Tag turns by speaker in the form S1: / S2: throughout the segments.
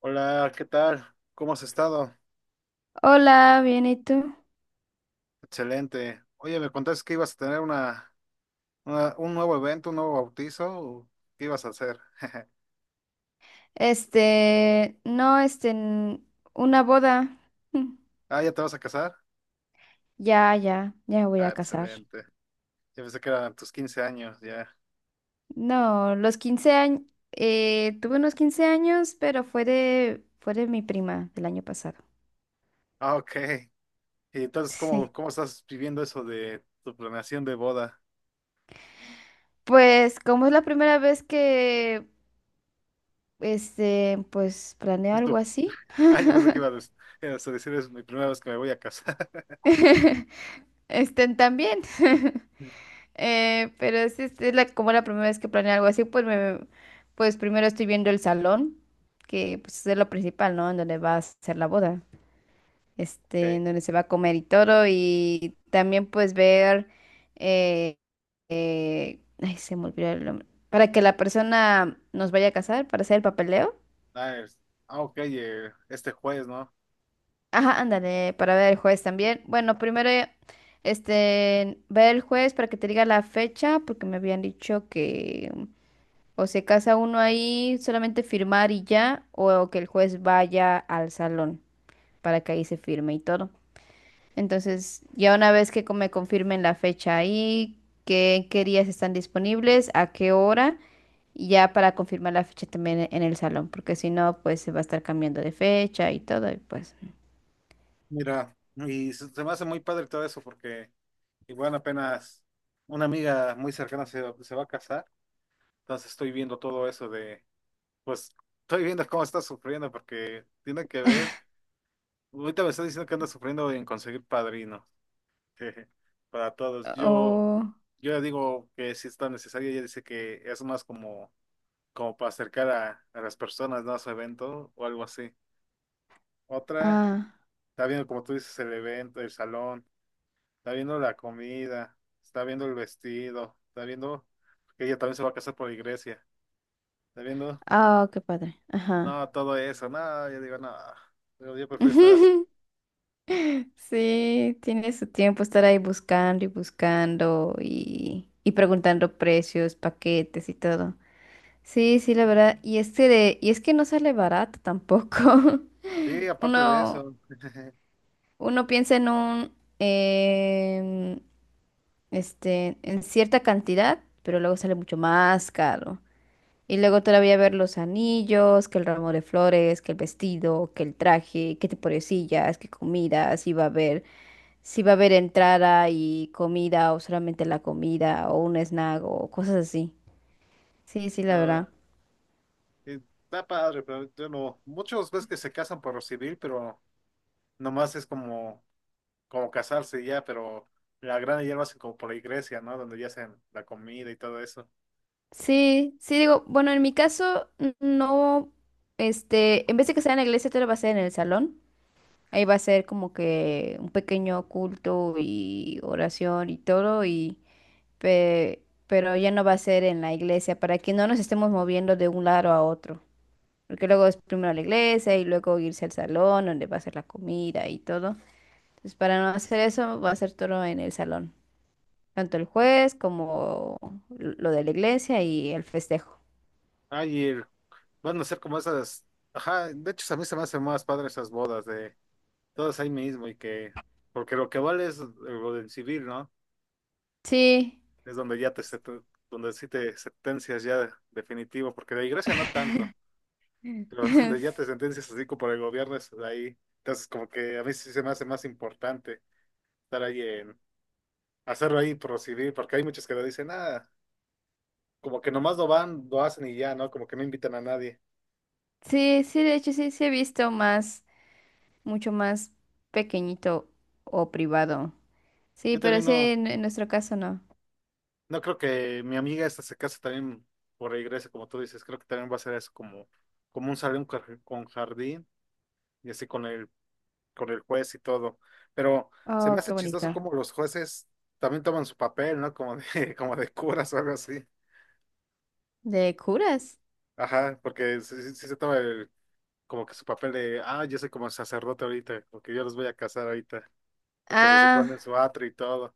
S1: Hola, ¿qué tal? ¿Cómo has estado?
S2: Hola, bien, ¿y tú?
S1: Excelente. Oye, me contaste que ibas a tener un nuevo evento, un nuevo bautizo. ¿O ¿Qué ibas a hacer?
S2: No, una boda. Mm.
S1: Ah, ¿ya te vas a casar?
S2: Ya, ya, ya me voy
S1: Ah,
S2: a casar.
S1: excelente. Ya pensé que eran tus 15 años, ya.
S2: No, los 15 años, tuve unos 15 años, pero fue de mi prima del año pasado.
S1: Ah, ok. Y entonces,
S2: Sí.
S1: ¿cómo estás viviendo eso de tu planeación de boda?
S2: Pues, como es la primera vez que, pues, planeo
S1: Es
S2: algo
S1: tu-
S2: así,
S1: Ah, yo pensé que ibas a decir, es mi primera vez que me voy a casar.
S2: estén también. Pero es como la primera vez que planeo algo así, pues primero estoy viendo el salón, que pues es lo principal, ¿no? En donde va a ser la boda,
S1: Ok.
S2: en donde se va a comer y todo, y también pues ver, eh, ay, se me olvidó el nombre, para que la persona nos vaya a casar, para hacer el papeleo.
S1: Ah, es- ah, ok, este jueves, ¿no?
S2: Ajá, ándale, para ver el juez también. Bueno, primero, ver el juez para que te diga la fecha, porque me habían dicho que o se casa uno ahí, solamente firmar y ya, o que el juez vaya al salón para que ahí se firme y todo. Entonces, ya una vez que me confirmen la fecha ahí, qué días están disponibles, a qué hora, y ya para confirmar la fecha también en el salón, porque si no, pues se va a estar cambiando de fecha y todo, y pues.
S1: Mira, y se me hace muy padre todo eso porque igual apenas una amiga muy cercana se va a casar, entonces estoy viendo todo eso de, pues estoy viendo cómo está sufriendo porque tiene que ver, ahorita me está diciendo que anda sufriendo en conseguir padrino para todos. Yo,
S2: Oh,
S1: yo le digo que si es tan necesario, ella dice que es más como, como para acercar a las personas, ¿no? A su evento o algo así. Otra,
S2: ah,
S1: está viendo como tú dices el evento, el salón. Está viendo la comida, está viendo el vestido, está viendo que ella también se va a casar por la iglesia, está viendo,
S2: ah, qué padre. Ajá.
S1: no, todo eso, no, yo digo, no, yo prefiero estar así.
S2: Sí, tiene su tiempo estar ahí buscando y buscando y preguntando precios, paquetes y todo. Sí, sí, la verdad. Y es que no sale barato tampoco.
S1: Sí, aparte de
S2: Uno,
S1: eso,
S2: uno piensa en un, em, este, en cierta cantidad, pero luego sale mucho más caro. Y luego todavía ver los anillos, que el ramo de flores, que el vestido, que el traje, que te pobrecillas, que comidas, y va a haber si va a haber entrada y comida o solamente la comida o un snack o cosas así. Sí, sí, la
S1: no,
S2: verdad.
S1: y está padre, pero yo no, muchos ves que se casan por lo civil, pero nomás es como, como casarse y ya, pero la gran ya lo hacen como por la iglesia, ¿no? Donde ya hacen la comida y todo eso.
S2: Sí, sí, digo, bueno, en mi caso no, en vez de que sea en la iglesia, todo va a ser en el salón. Ahí va a ser como que un pequeño culto y oración y todo, y pero ya no va a ser en la iglesia para que no nos estemos moviendo de un lado a otro. Porque luego es primero la iglesia y luego irse al salón donde va a ser la comida y todo. Entonces, para no hacer eso, va a ser todo en el salón. Tanto el juez como lo de la iglesia y el festejo.
S1: Ay, y el- van a ser como esas, ajá, de hecho a mí se me hacen más padre esas bodas de todos ahí mismo y que, porque lo que vale es lo del civil, ¿no?
S2: Sí,
S1: Es donde ya te, sent- donde sí te sentencias ya definitivo, porque de iglesia no tanto, pero donde ya te
S2: sí,
S1: sentencias así como por el gobierno es ahí. Entonces como que a mí sí se me hace más importante estar ahí en, hacerlo ahí por lo civil, porque hay muchos que lo dicen, nada, como que nomás lo van, lo hacen y ya, ¿no? Como que no invitan a nadie.
S2: sí, de hecho sí he visto mucho más pequeñito o privado. Sí,
S1: Yo
S2: pero
S1: también
S2: sí,
S1: no,
S2: en nuestro caso no.
S1: no creo que mi amiga esta se case también por la iglesia, como tú dices, creo que también va a ser eso como, como un salón con jardín y así con el juez y todo. Pero se me
S2: Oh, qué
S1: hace chistoso
S2: bonito.
S1: como los jueces también toman su papel, ¿no? Como de, como de curas o algo así.
S2: ¿De curas?
S1: Ajá, porque sí, sí se toma el, como que su papel de, ah, yo soy como sacerdote ahorita, porque yo los voy a casar ahorita, porque se
S2: Ah,
S1: supone en su atrio y todo.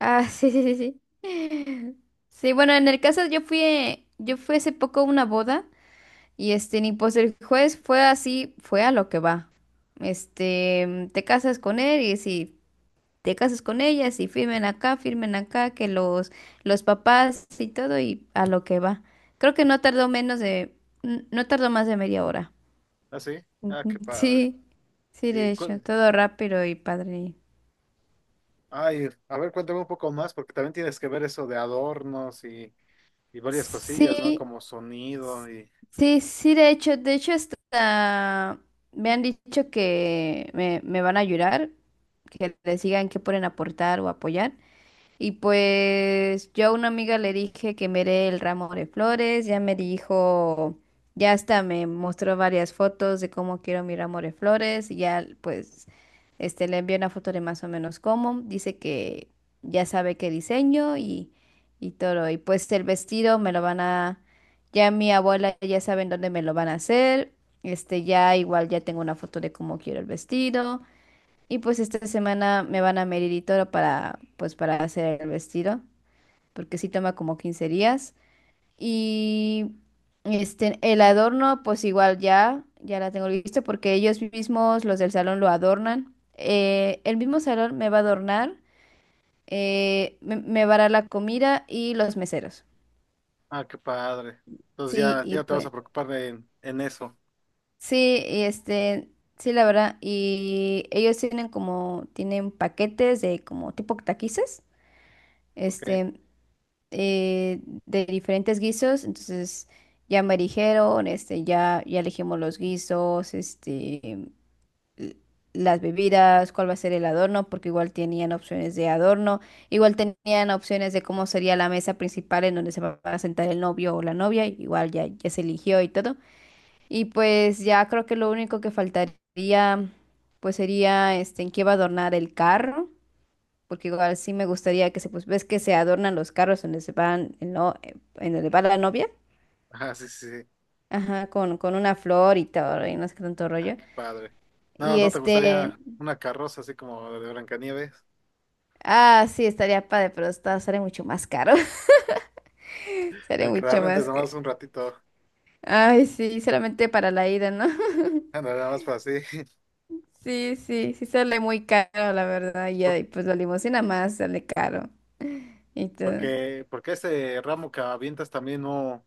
S2: ah, sí, sí, sí, sí. Sí, bueno, en el caso yo fui hace poco a una boda. Y ni pues el juez fue así, fue a lo que va. Te casas con él y si te casas con ella, si firmen acá, firmen acá, que los papás y todo y a lo que va. Creo que no tardó menos de, n- no tardó más de media hora.
S1: ¿Ah, sí? Ah, qué
S2: Ujú.
S1: padre.
S2: Sí, sí, de
S1: Y,
S2: hecho,
S1: cu-
S2: todo rápido y padre.
S1: ay, a ver, cuéntame un poco más, porque también tienes que ver eso de adornos y varias cosillas, ¿no?
S2: Sí,
S1: Como sonido y,
S2: Sí, sí, de hecho, hasta me han dicho que me van a ayudar, que les digan qué pueden aportar o apoyar. Y pues yo a una amiga le dije que me dé el ramo de flores, ya me dijo, ya hasta me mostró varias fotos de cómo quiero mi ramo de flores, y ya pues le envié una foto de más o menos cómo, dice que ya sabe qué diseño y todo, y pues el vestido me lo van a, ya mi abuela ya saben dónde me lo van a hacer, ya igual ya tengo una foto de cómo quiero el vestido. Y pues esta semana me van a medir y todo pues para hacer el vestido, porque sí toma como 15 días. Y el adorno, pues igual ya la tengo lista porque ellos mismos, los del salón, lo adornan. El mismo salón me va a adornar, me va a dar la comida y los meseros.
S1: ah, qué padre. Entonces
S2: Sí,
S1: ya,
S2: y
S1: ya te vas a
S2: pues,
S1: preocupar en eso.
S2: sí, sí, la verdad. Y ellos tienen paquetes de como tipo taquices.
S1: Ok.
S2: Este, eh, de diferentes guisos, entonces ya me dijeron, ya elegimos los guisos, l- las bebidas, cuál va a ser el adorno, porque igual tenían opciones de adorno, igual tenían opciones de cómo sería la mesa principal en donde se va a sentar el novio o la novia, igual ya se eligió y todo. Y pues ya creo que lo único que faltaría, pues sería, en qué va a adornar el carro porque igual sí me gustaría pues, ves que se adornan los carros donde se van, el no en donde va la novia,
S1: Ah, sí, sí. Sí.
S2: ajá, con una flor y todo, y no sé qué tanto
S1: Ah,
S2: rollo.
S1: qué padre. No,
S2: Y
S1: ¿no te gustaría una carroza así como la de Blancanieves?
S2: ah, sí, estaría padre, pero sale mucho más caro, sale
S1: Que la
S2: mucho
S1: rentes
S2: más que,
S1: nomás un ratito.
S2: ay, sí, solamente para la ida, ¿no?
S1: Ándale, nada más para así.
S2: Sí, sí, sí sale muy caro, la verdad, y
S1: Por-
S2: ahí, pues la limusina más sale caro y todo.
S1: Porque, porque ese ramo que avientas también no,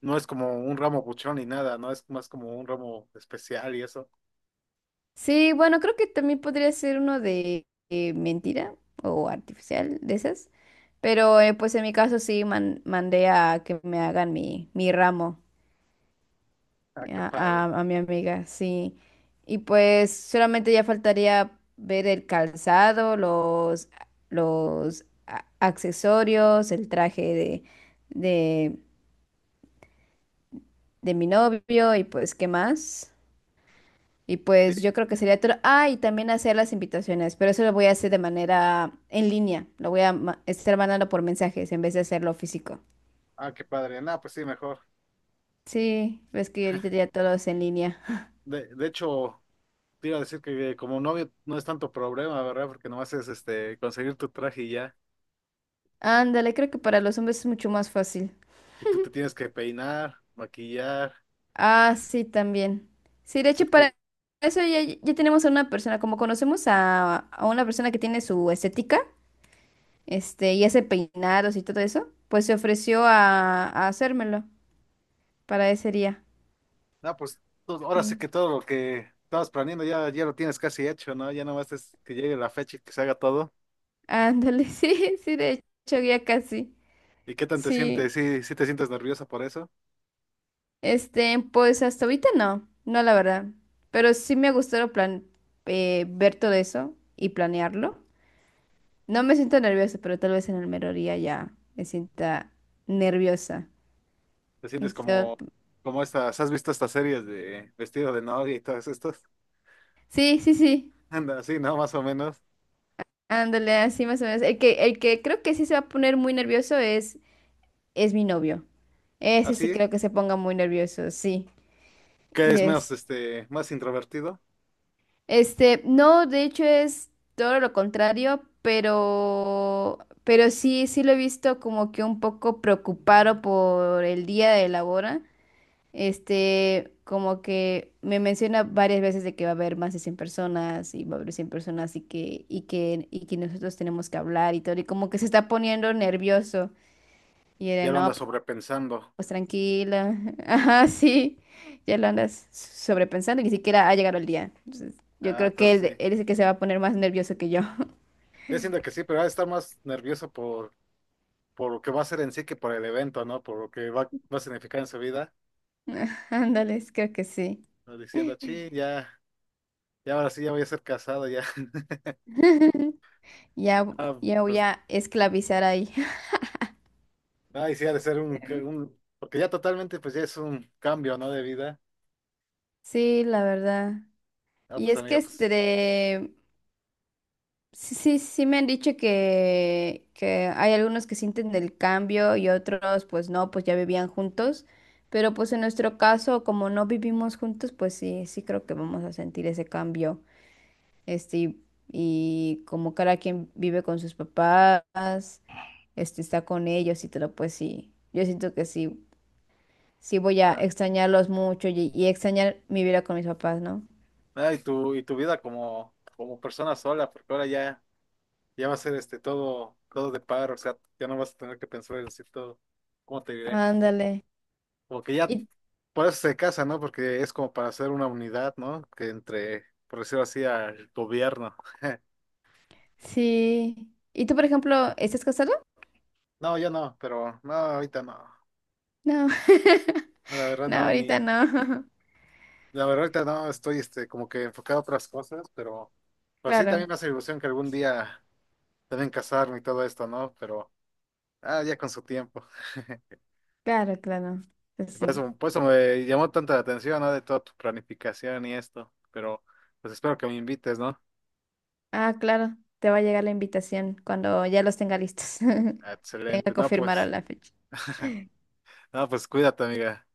S1: no es como un ramo buchón ni nada, ¿no? Es más como un ramo especial y eso.
S2: Sí, bueno, creo que también podría ser uno de mentira o artificial de esas. Pero pues en mi caso sí mandé a que me hagan mi ramo
S1: Ah, qué padre.
S2: a mi amiga, sí. Y pues solamente ya faltaría ver el calzado, accesorios, el traje de, de mi novio y pues qué más. Y pues
S1: Sí,
S2: yo creo que sería todo. Ah, y también hacer las invitaciones, pero eso lo voy a hacer de manera en línea. Lo voy a estar mandando por mensajes en vez de hacerlo físico.
S1: ah, qué padre. Nada, pues sí, mejor.
S2: Sí, ves que ahorita ya todo es en línea.
S1: De hecho, te iba a decir que como novio no es tanto problema, ¿verdad? Porque nomás es conseguir tu traje y ya.
S2: Ándale, creo que para los hombres es mucho más fácil.
S1: Y tú te tienes que peinar, maquillar,
S2: Ah, sí, también. Sí, de
S1: hacer
S2: hecho,
S1: tu,
S2: para eso ya tenemos a una persona, como conocemos a una persona que tiene su estética, y hace peinados y todo eso, pues se ofreció a hacérmelo para ese día.
S1: no, pues todo-
S2: Sí.
S1: ahora sí que todo lo que estabas planeando ya, ya lo tienes casi hecho, ¿no? Ya nomás es que llegue la fecha y que se haga todo.
S2: Ándale, sí, sí, de hecho ya casi.
S1: ¿Y qué tan te
S2: Sí,
S1: sientes? ¿Sí, sí te sientes nerviosa por eso?
S2: pues hasta ahorita no la verdad. Pero sí me ha gustado plan ver todo eso y planearlo. No me siento nerviosa, pero tal vez en el mero día ya me sienta nerviosa.
S1: ¿Te sientes como,
S2: Esto-
S1: como estas, has visto estas series de vestido de novia y todas estas?
S2: Sí, sí, sí.
S1: Anda, así, ¿no? Más o menos.
S2: Ándale, así más o menos. El que creo que sí se va a poner muy nervioso es mi novio. Ese sí
S1: Así,
S2: creo que se ponga muy nervioso, sí.
S1: qué
S2: y
S1: es más, más introvertido.
S2: No, de hecho es todo lo contrario, pero sí lo he visto como que un poco preocupado por el día de la boda. Como que me menciona varias veces de que va a haber más de 100 personas y va a haber 100 personas y que nosotros tenemos que hablar y todo, y como que se está poniendo nervioso.
S1: Ya lo
S2: No,
S1: andas sobrepensando.
S2: pues tranquila. Ajá, sí. Ya lo andas sobrepensando y ni siquiera ha llegado el día. Entonces, yo
S1: Ah,
S2: creo que
S1: entonces
S2: él,
S1: sí.
S2: él es el que se va a poner más nervioso que yo.
S1: Yo siento que sí, pero va a estar más nervioso por lo que va a ser en sí que por el evento, ¿no? Por lo que va a significar en su vida.
S2: Ándale, creo que sí.
S1: Diciendo, chi, ya. Y ahora sí ya voy a ser casado ya.
S2: Ya,
S1: Ah,
S2: ya voy
S1: pues,
S2: a esclavizar ahí.
S1: ay, sí ha de ser porque ya totalmente pues ya es un cambio, ¿no? De vida.
S2: Sí, la verdad.
S1: Ah,
S2: Y
S1: pues
S2: es que
S1: amiga, pues,
S2: sí, sí, sí me han dicho que hay algunos que sienten el cambio y otros pues no, pues ya vivían juntos, pero pues en nuestro caso, como no vivimos juntos, pues sí creo que vamos a sentir ese cambio. Este, y, y como cada quien vive con sus papás, está con ellos y todo, pues sí, yo siento que sí voy a
S1: ah,
S2: extrañarlos mucho y extrañar mi vida con mis papás, ¿no?
S1: ah, y tu vida como, como persona sola, porque ahora ya, ya va a ser este todo, todo de par, o sea, ya no vas a tener que pensar en decir todo, ¿cómo te diré?
S2: Ándale.
S1: Como que ya,
S2: Y
S1: por eso se casa, ¿no? Porque es como para hacer una unidad, ¿no? Que entre, por decirlo así, al gobierno.
S2: sí. ¿Y tú, por ejemplo, estás casado?
S1: No, yo no, pero no, ahorita no.
S2: No,
S1: La verdad
S2: no,
S1: no,
S2: ahorita
S1: ni.
S2: no.
S1: La verdad, ahorita no estoy como que enfocado a otras cosas, pero sí
S2: Claro,
S1: también me hace ilusión que algún día también casarme y todo esto, ¿no? Pero ah, ya con su tiempo.
S2: claro, claro. Pues
S1: Y por
S2: sí.
S1: eso, por eso me llamó tanta la atención, ¿no? De toda tu planificación y esto. Pero pues espero que me invites, ¿no?
S2: Ah, claro, te va a llegar la invitación cuando ya los tenga listos.
S1: Ah,
S2: Tenga que
S1: excelente. No,
S2: confirmar
S1: pues,
S2: la fecha.
S1: no, pues cuídate, amiga.